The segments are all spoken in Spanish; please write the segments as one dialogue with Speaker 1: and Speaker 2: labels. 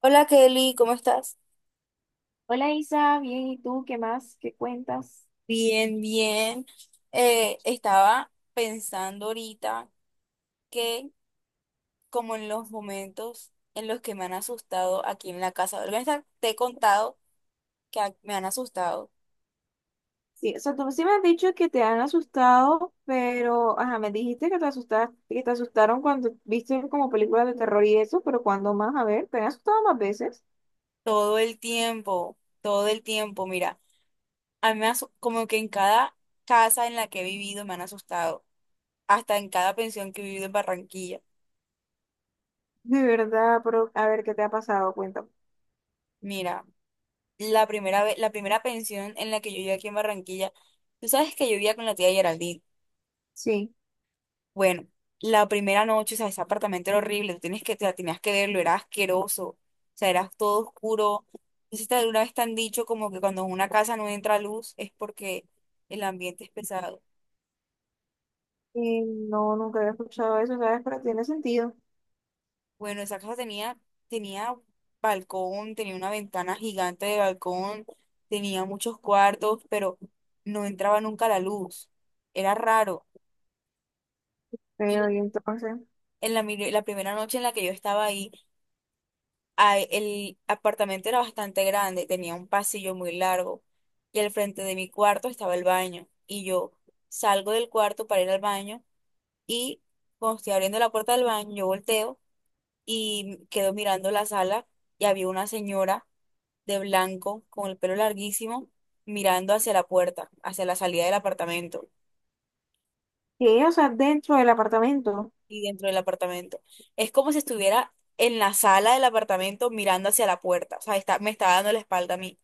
Speaker 1: Hola Kelly, ¿cómo estás?
Speaker 2: Hola Isa, bien, ¿y tú qué más? ¿Qué cuentas?
Speaker 1: Bien, bien. Estaba pensando ahorita que como en los momentos en los que me han asustado aquí en la casa, ¿verdad? Te he contado que me han asustado
Speaker 2: Sí, o sea, tú sí me has dicho que te han asustado, pero, ajá, me dijiste que te asustaste, que te asustaron cuando viste como películas de terror y eso, pero ¿cuándo más? A ver, ¿te han asustado más veces?
Speaker 1: todo el tiempo, mira, a mí me asu- como que en cada casa en la que he vivido me han asustado, hasta en cada pensión que he vivido en Barranquilla.
Speaker 2: De verdad, pero a ver, ¿qué te ha pasado? Cuéntame.
Speaker 1: Mira, la primera vez, la primera pensión en la que yo viví aquí en Barranquilla, tú sabes que yo vivía con la tía Geraldine.
Speaker 2: Sí,
Speaker 1: Bueno, la primera noche, o sea, ese apartamento era horrible, tú tienes que, o sea, tenías que verlo, era asqueroso, o sea, era todo oscuro. Entonces, de una vez te han dicho como que cuando en una casa no entra luz es porque el ambiente es pesado.
Speaker 2: y no, nunca había escuchado eso, ¿sabes? Pero tiene sentido.
Speaker 1: Bueno, esa casa tenía balcón, tenía una ventana gigante de balcón, tenía muchos cuartos, pero no entraba nunca la luz. Era raro. Y
Speaker 2: Pero, y entonces,
Speaker 1: en la primera noche en la que yo estaba ahí, ay, el apartamento era bastante grande, tenía un pasillo muy largo y al frente de mi cuarto estaba el baño. Y yo salgo del cuarto para ir al baño y cuando estoy abriendo la puerta del baño, yo volteo y quedo mirando la sala y había una señora de blanco con el pelo larguísimo mirando hacia la puerta, hacia la salida del apartamento
Speaker 2: ¿qué? O sea, dentro del apartamento.
Speaker 1: y dentro del apartamento. Es como si estuviera en la sala del apartamento mirando hacia la puerta, o sea, me estaba dando la espalda a mí.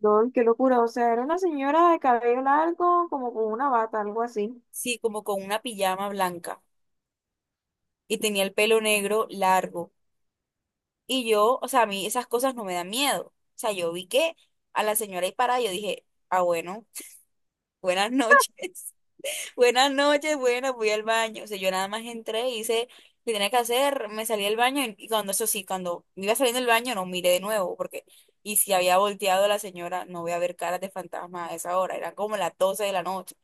Speaker 2: Lol, qué locura, o sea, era una señora de cabello largo, como con una bata, algo así.
Speaker 1: Sí, como con una pijama blanca y tenía el pelo negro largo. Y yo, o sea, a mí esas cosas no me dan miedo. O sea, yo vi que a la señora ahí parada, yo dije, ah, bueno, buenas noches, buenas noches, bueno, voy al baño. O sea, yo nada más entré, hice lo que tenía que hacer, me salí del baño y cuando, eso sí, cuando me iba saliendo del baño no miré de nuevo, porque, y si había volteado a la señora, no voy a ver caras de fantasma a esa hora, eran como las 12 de la noche.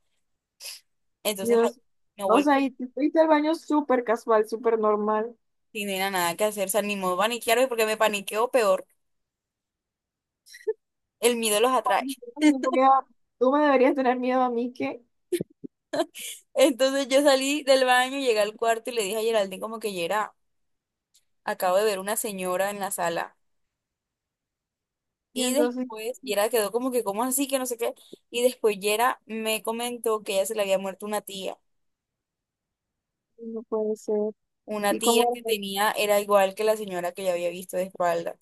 Speaker 1: Entonces, ay,
Speaker 2: Dios,
Speaker 1: no
Speaker 2: o sea,
Speaker 1: volteé.
Speaker 2: y te fuiste al baño súper casual, súper normal.
Speaker 1: Sin nena, nada que hacer, o sea, ni modo paniquearme porque me paniqueo peor, el miedo los atrae.
Speaker 2: Ay, no voy a- Tú me deberías tener miedo a mí, ¿qué?
Speaker 1: Entonces yo salí del baño, llegué al cuarto y le dije a Geraldine como que Yera, acabo de ver una señora en la sala.
Speaker 2: Y
Speaker 1: Y
Speaker 2: entonces,
Speaker 1: después Yera quedó como que, ¿cómo así? Que no sé qué. Y después Yera me comentó que ella se le había muerto una tía.
Speaker 2: no puede ser.
Speaker 1: Una
Speaker 2: Y
Speaker 1: tía
Speaker 2: como,
Speaker 1: que tenía, era igual que la señora que yo había visto de espaldas.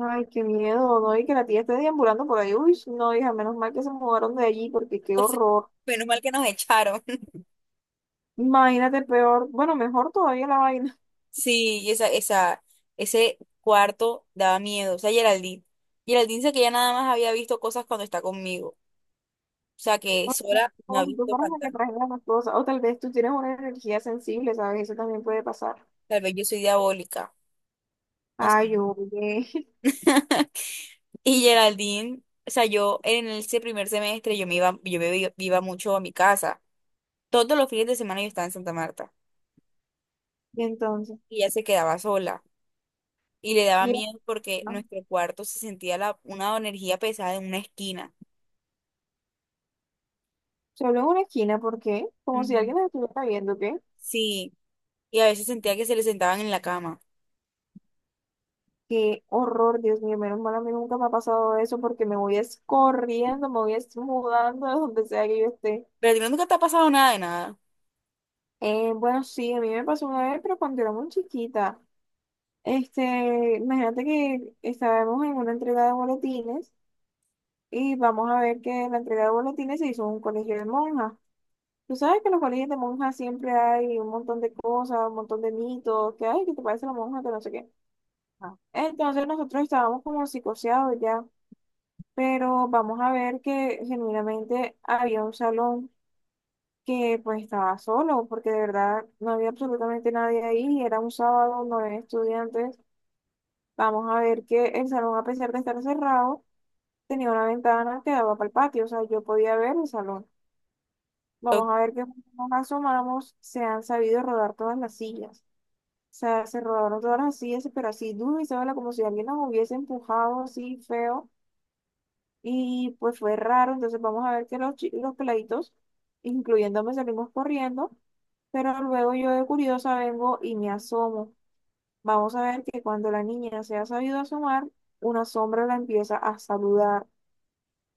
Speaker 2: ay, qué miedo, ¿no? Y que la tía esté deambulando por ahí. Uy, no, hija, menos mal que se mudaron de allí, porque qué
Speaker 1: Entonces,
Speaker 2: horror.
Speaker 1: menos mal que nos echaron.
Speaker 2: Imagínate peor, bueno, mejor todavía la vaina.
Speaker 1: Sí, y ese cuarto daba miedo. O sea, Geraldine dice que ya nada más había visto cosas cuando está conmigo. O sea, que
Speaker 2: O sea,
Speaker 1: sola no ha
Speaker 2: como si tú
Speaker 1: visto
Speaker 2: fueras la que
Speaker 1: fantasmas.
Speaker 2: trajera las cosas. O tal vez tú tienes una energía sensible, ¿sabes? Eso también puede pasar.
Speaker 1: Tal vez yo soy diabólica. No sé.
Speaker 2: Ay, oye.
Speaker 1: Y Geraldine, o sea, yo en ese primer semestre yo me iba mucho a mi casa. Todos los fines de semana yo estaba en Santa Marta
Speaker 2: Y entonces,
Speaker 1: y ella se quedaba sola y le daba miedo porque
Speaker 2: mira.
Speaker 1: nuestro cuarto se sentía una energía pesada en una esquina.
Speaker 2: Solo en una esquina, ¿por qué? Como si
Speaker 1: Mm.
Speaker 2: alguien nos estuviera viendo, ¿qué?
Speaker 1: Sí, y a veces sentía que se le sentaban en la cama.
Speaker 2: Qué horror, Dios mío, menos mal a mí nunca me ha pasado eso porque me voy es corriendo, me voy es mudando de donde sea que yo esté.
Speaker 1: Pero a ti no, nunca te ha pasado nada de nada.
Speaker 2: Bueno, sí, a mí me pasó una vez, pero cuando era muy chiquita. Este, imagínate que estábamos en una entrega de boletines y vamos a ver que la entrega de boletines se hizo en un colegio de monjas. Tú sabes que en los colegios de monjas siempre hay un montón de cosas, un montón de mitos, que ay, que te parece la monja, que no sé qué.
Speaker 1: No.
Speaker 2: Entonces nosotros estábamos como psicoseados ya, pero vamos a ver que genuinamente había un salón que pues estaba solo, porque de verdad no había absolutamente nadie ahí, era un sábado, no había estudiantes. Vamos a ver que el salón, a pesar de estar cerrado, tenía una ventana que daba para el patio, o sea, yo podía ver el salón.
Speaker 1: Oh,
Speaker 2: Vamos a ver que cuando nos asomamos, se han sabido rodar todas las sillas. O sea, se rodaron todas las sillas, pero así duro y se como si alguien nos hubiese empujado así feo. Y pues fue raro, entonces vamos a ver que los, los peladitos, incluyéndome, salimos corriendo, pero luego yo de curiosa vengo y me asomo. Vamos a ver que cuando la niña se ha sabido asomar, una sombra la empieza a saludar.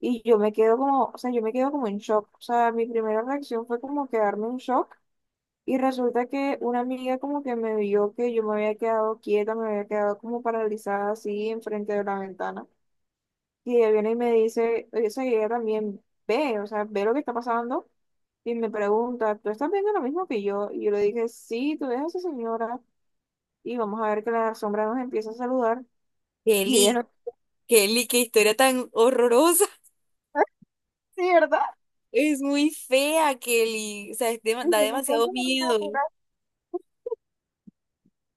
Speaker 2: Y yo me quedo como, o sea, yo me quedo como en shock. O sea, mi primera reacción fue como quedarme en shock. Y resulta que una amiga como que me vio que yo me había quedado quieta, me había quedado como paralizada así enfrente de la ventana. Y ella viene y me dice, o sea, y ella también ve, o sea, ve lo que está pasando y me pregunta, ¿tú estás viendo lo mismo que yo? Y yo le dije, sí, tú ves a esa señora y vamos a ver que la sombra nos empieza a saludar. Y ella,
Speaker 1: Kelly,
Speaker 2: no,
Speaker 1: Kelly, qué historia tan horrorosa.
Speaker 2: sí, ¿verdad?
Speaker 1: Es muy fea, Kelly. O sea, es
Speaker 2: Y
Speaker 1: da
Speaker 2: yo, "No,
Speaker 1: demasiado
Speaker 2: ¿cómo no, no,
Speaker 1: miedo.
Speaker 2: pero-".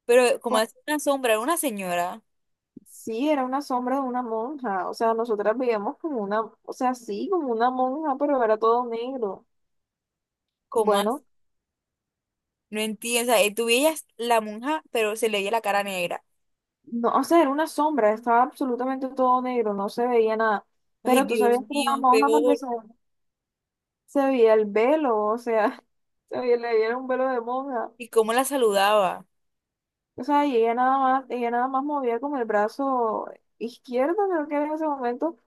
Speaker 1: Pero como
Speaker 2: Pues,
Speaker 1: hace una sombra, era una señora,
Speaker 2: sí, era una sombra de una monja, o sea, nosotras veíamos como una, o sea, sí, como una monja, pero era todo negro.
Speaker 1: como hace?
Speaker 2: Bueno,
Speaker 1: No entiendo. O sea, tú veías la monja, pero se le veía la cara negra.
Speaker 2: no, o sea, era una sombra, estaba absolutamente todo negro, no se veía nada.
Speaker 1: Ay,
Speaker 2: Pero tú
Speaker 1: Dios
Speaker 2: sabías que era una
Speaker 1: mío,
Speaker 2: monja porque
Speaker 1: peor.
Speaker 2: se se veía el velo, o sea, se veía, le veía un velo de monja.
Speaker 1: ¿Y cómo la saludaba?
Speaker 2: O sea, y ella nada más movía con el brazo izquierdo, creo que era en ese momento.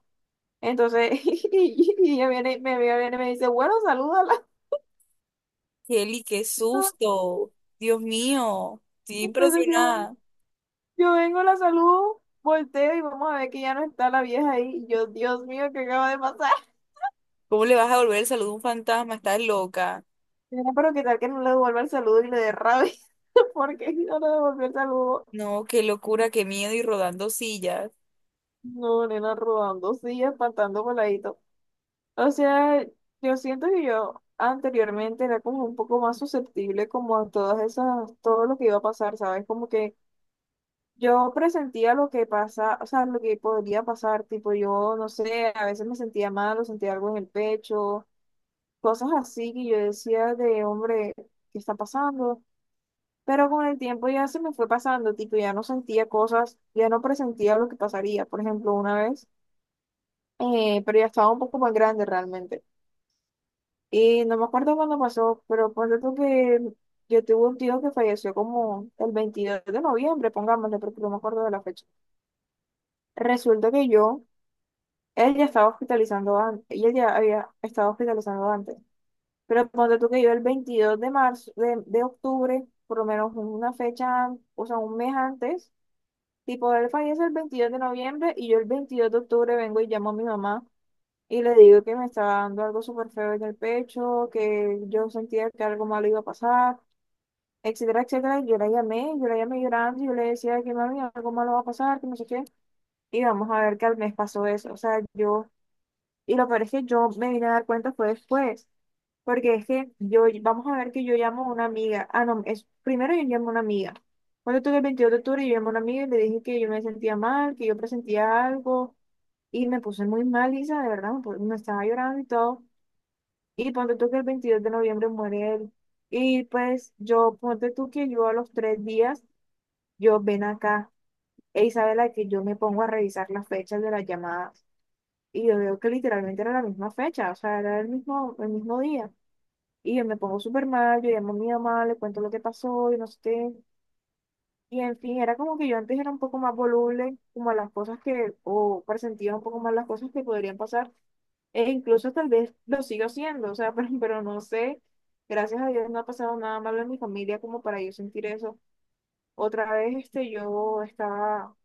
Speaker 2: Entonces, y ella viene, me viene y me dice, bueno, salúdala.
Speaker 1: Kelly, qué susto. Dios mío, estoy
Speaker 2: Entonces yo,
Speaker 1: impresionada.
Speaker 2: yo vengo, la saludo, volteo y vamos a ver que ya no está la vieja ahí. Y yo, Dios mío, ¿qué acaba de pasar?
Speaker 1: ¿Cómo le vas a volver el saludo a un fantasma? Estás loca.
Speaker 2: Era, pero qué tal que no le devuelva el saludo y le dé rabia, porque si no le devolvió el saludo.
Speaker 1: No, qué locura, qué miedo y rodando sillas.
Speaker 2: No, nena, robando, sí, espantando por. O sea, yo siento que yo anteriormente era como un poco más susceptible como a todas esas, todo lo que iba a pasar, ¿sabes? Como que yo presentía lo que pasa, o sea, lo que podría pasar, tipo yo, no sé, a veces me sentía mal o sentía algo en el pecho, cosas así que yo decía de, hombre, ¿qué está pasando? Pero con el tiempo ya se me fue pasando, tipo ya no sentía cosas, ya no presentía lo que pasaría, por ejemplo, una vez, pero ya estaba un poco más grande realmente. Y no me acuerdo cuándo pasó, pero ponte tú que yo tuve un tío que falleció como el 22 de noviembre, pongámosle, porque no me acuerdo de la fecha. Resulta que yo, él ya estaba hospitalizando antes, ella ya había estado hospitalizando antes. Pero ponte tú que yo el 22 de marzo, de octubre, por lo menos una fecha, o sea, un mes antes, tipo, él fallece el 22 de noviembre y yo el 22 de octubre vengo y llamo a mi mamá. Y le digo que me estaba dando algo súper feo en el pecho, que yo sentía que algo malo iba a pasar, etcétera, etcétera. Y yo la llamé, yo la llamé llorando, y yo le decía que mami, algo malo va a pasar, que no sé qué. Y vamos a ver que al mes pasó eso. O sea, yo, y lo peor es que yo me vine a dar cuenta fue después, porque es que yo, vamos a ver que yo llamo a una amiga. Ah, no, es, primero yo llamo a una amiga. Cuando tuve el 22 de octubre, yo llamé a una amiga y le dije que yo me sentía mal, que yo presentía algo, y me puse muy mal, Isa de verdad, me estaba llorando y todo. Y ponte tú que el 22 de noviembre muere él. Y pues yo, ponte tú que yo a los 3 días, yo ven acá. E Isabela, que yo me pongo a revisar las fechas de las llamadas. Y yo veo que literalmente era la misma fecha, o sea, era el mismo día. Y yo me pongo súper mal, yo llamo a mi mamá, le cuento lo que pasó y no sé qué. Y en fin, era como que yo antes era un poco más voluble, como a las cosas que, o presentía un poco más las cosas que podrían pasar. E incluso tal vez lo sigo siendo, o sea, pero no sé. Gracias a Dios no ha pasado nada malo en mi familia como para yo sentir eso. Otra vez, este, yo estaba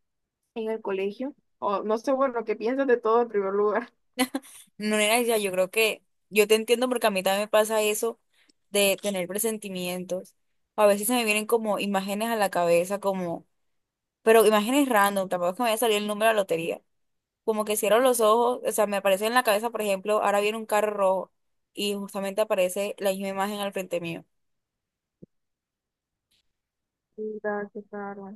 Speaker 2: en el colegio, o no sé, bueno, ¿qué piensas de todo en primer lugar?
Speaker 1: No era ya, yo creo que yo te entiendo porque a mí también me pasa eso de tener presentimientos. A veces se me vienen como imágenes a la cabeza, como, pero imágenes random, tampoco es que me vaya a salir el número de la lotería. Como que cierro los ojos, o sea, me aparece en la cabeza, por ejemplo, ahora viene un carro rojo y justamente aparece la misma imagen al frente mío.
Speaker 2: Mira, qué caro.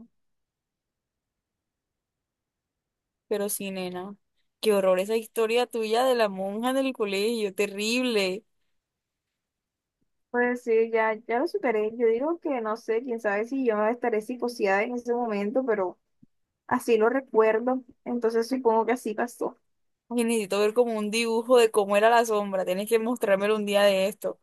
Speaker 1: Pero sí, nena, qué horror esa historia tuya de la monja del colegio, terrible.
Speaker 2: Pues sí, ya, ya lo superé. Yo digo que no sé, quién sabe si yo estaré psicoseada en ese momento, pero así lo recuerdo, entonces supongo que así pasó.
Speaker 1: Ay, necesito ver como un dibujo de cómo era la sombra. Tienes que mostrármelo un día de esto.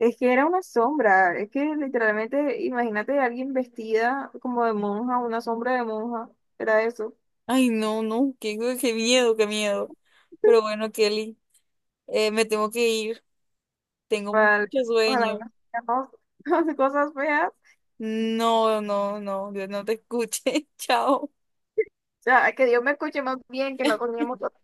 Speaker 2: Es que era una sombra, es que literalmente, imagínate a alguien vestida como de monja, una sombra de monja, era eso.
Speaker 1: Ay, no, no, qué, qué miedo, qué miedo. Pero bueno, Kelly, me tengo que ir. Tengo mucho
Speaker 2: Para ojalá
Speaker 1: sueño.
Speaker 2: y cosas feas. O
Speaker 1: No, no, no, Dios no te escuche. Chao.
Speaker 2: sea, que Dios me escuche más bien, que no teníamos cosas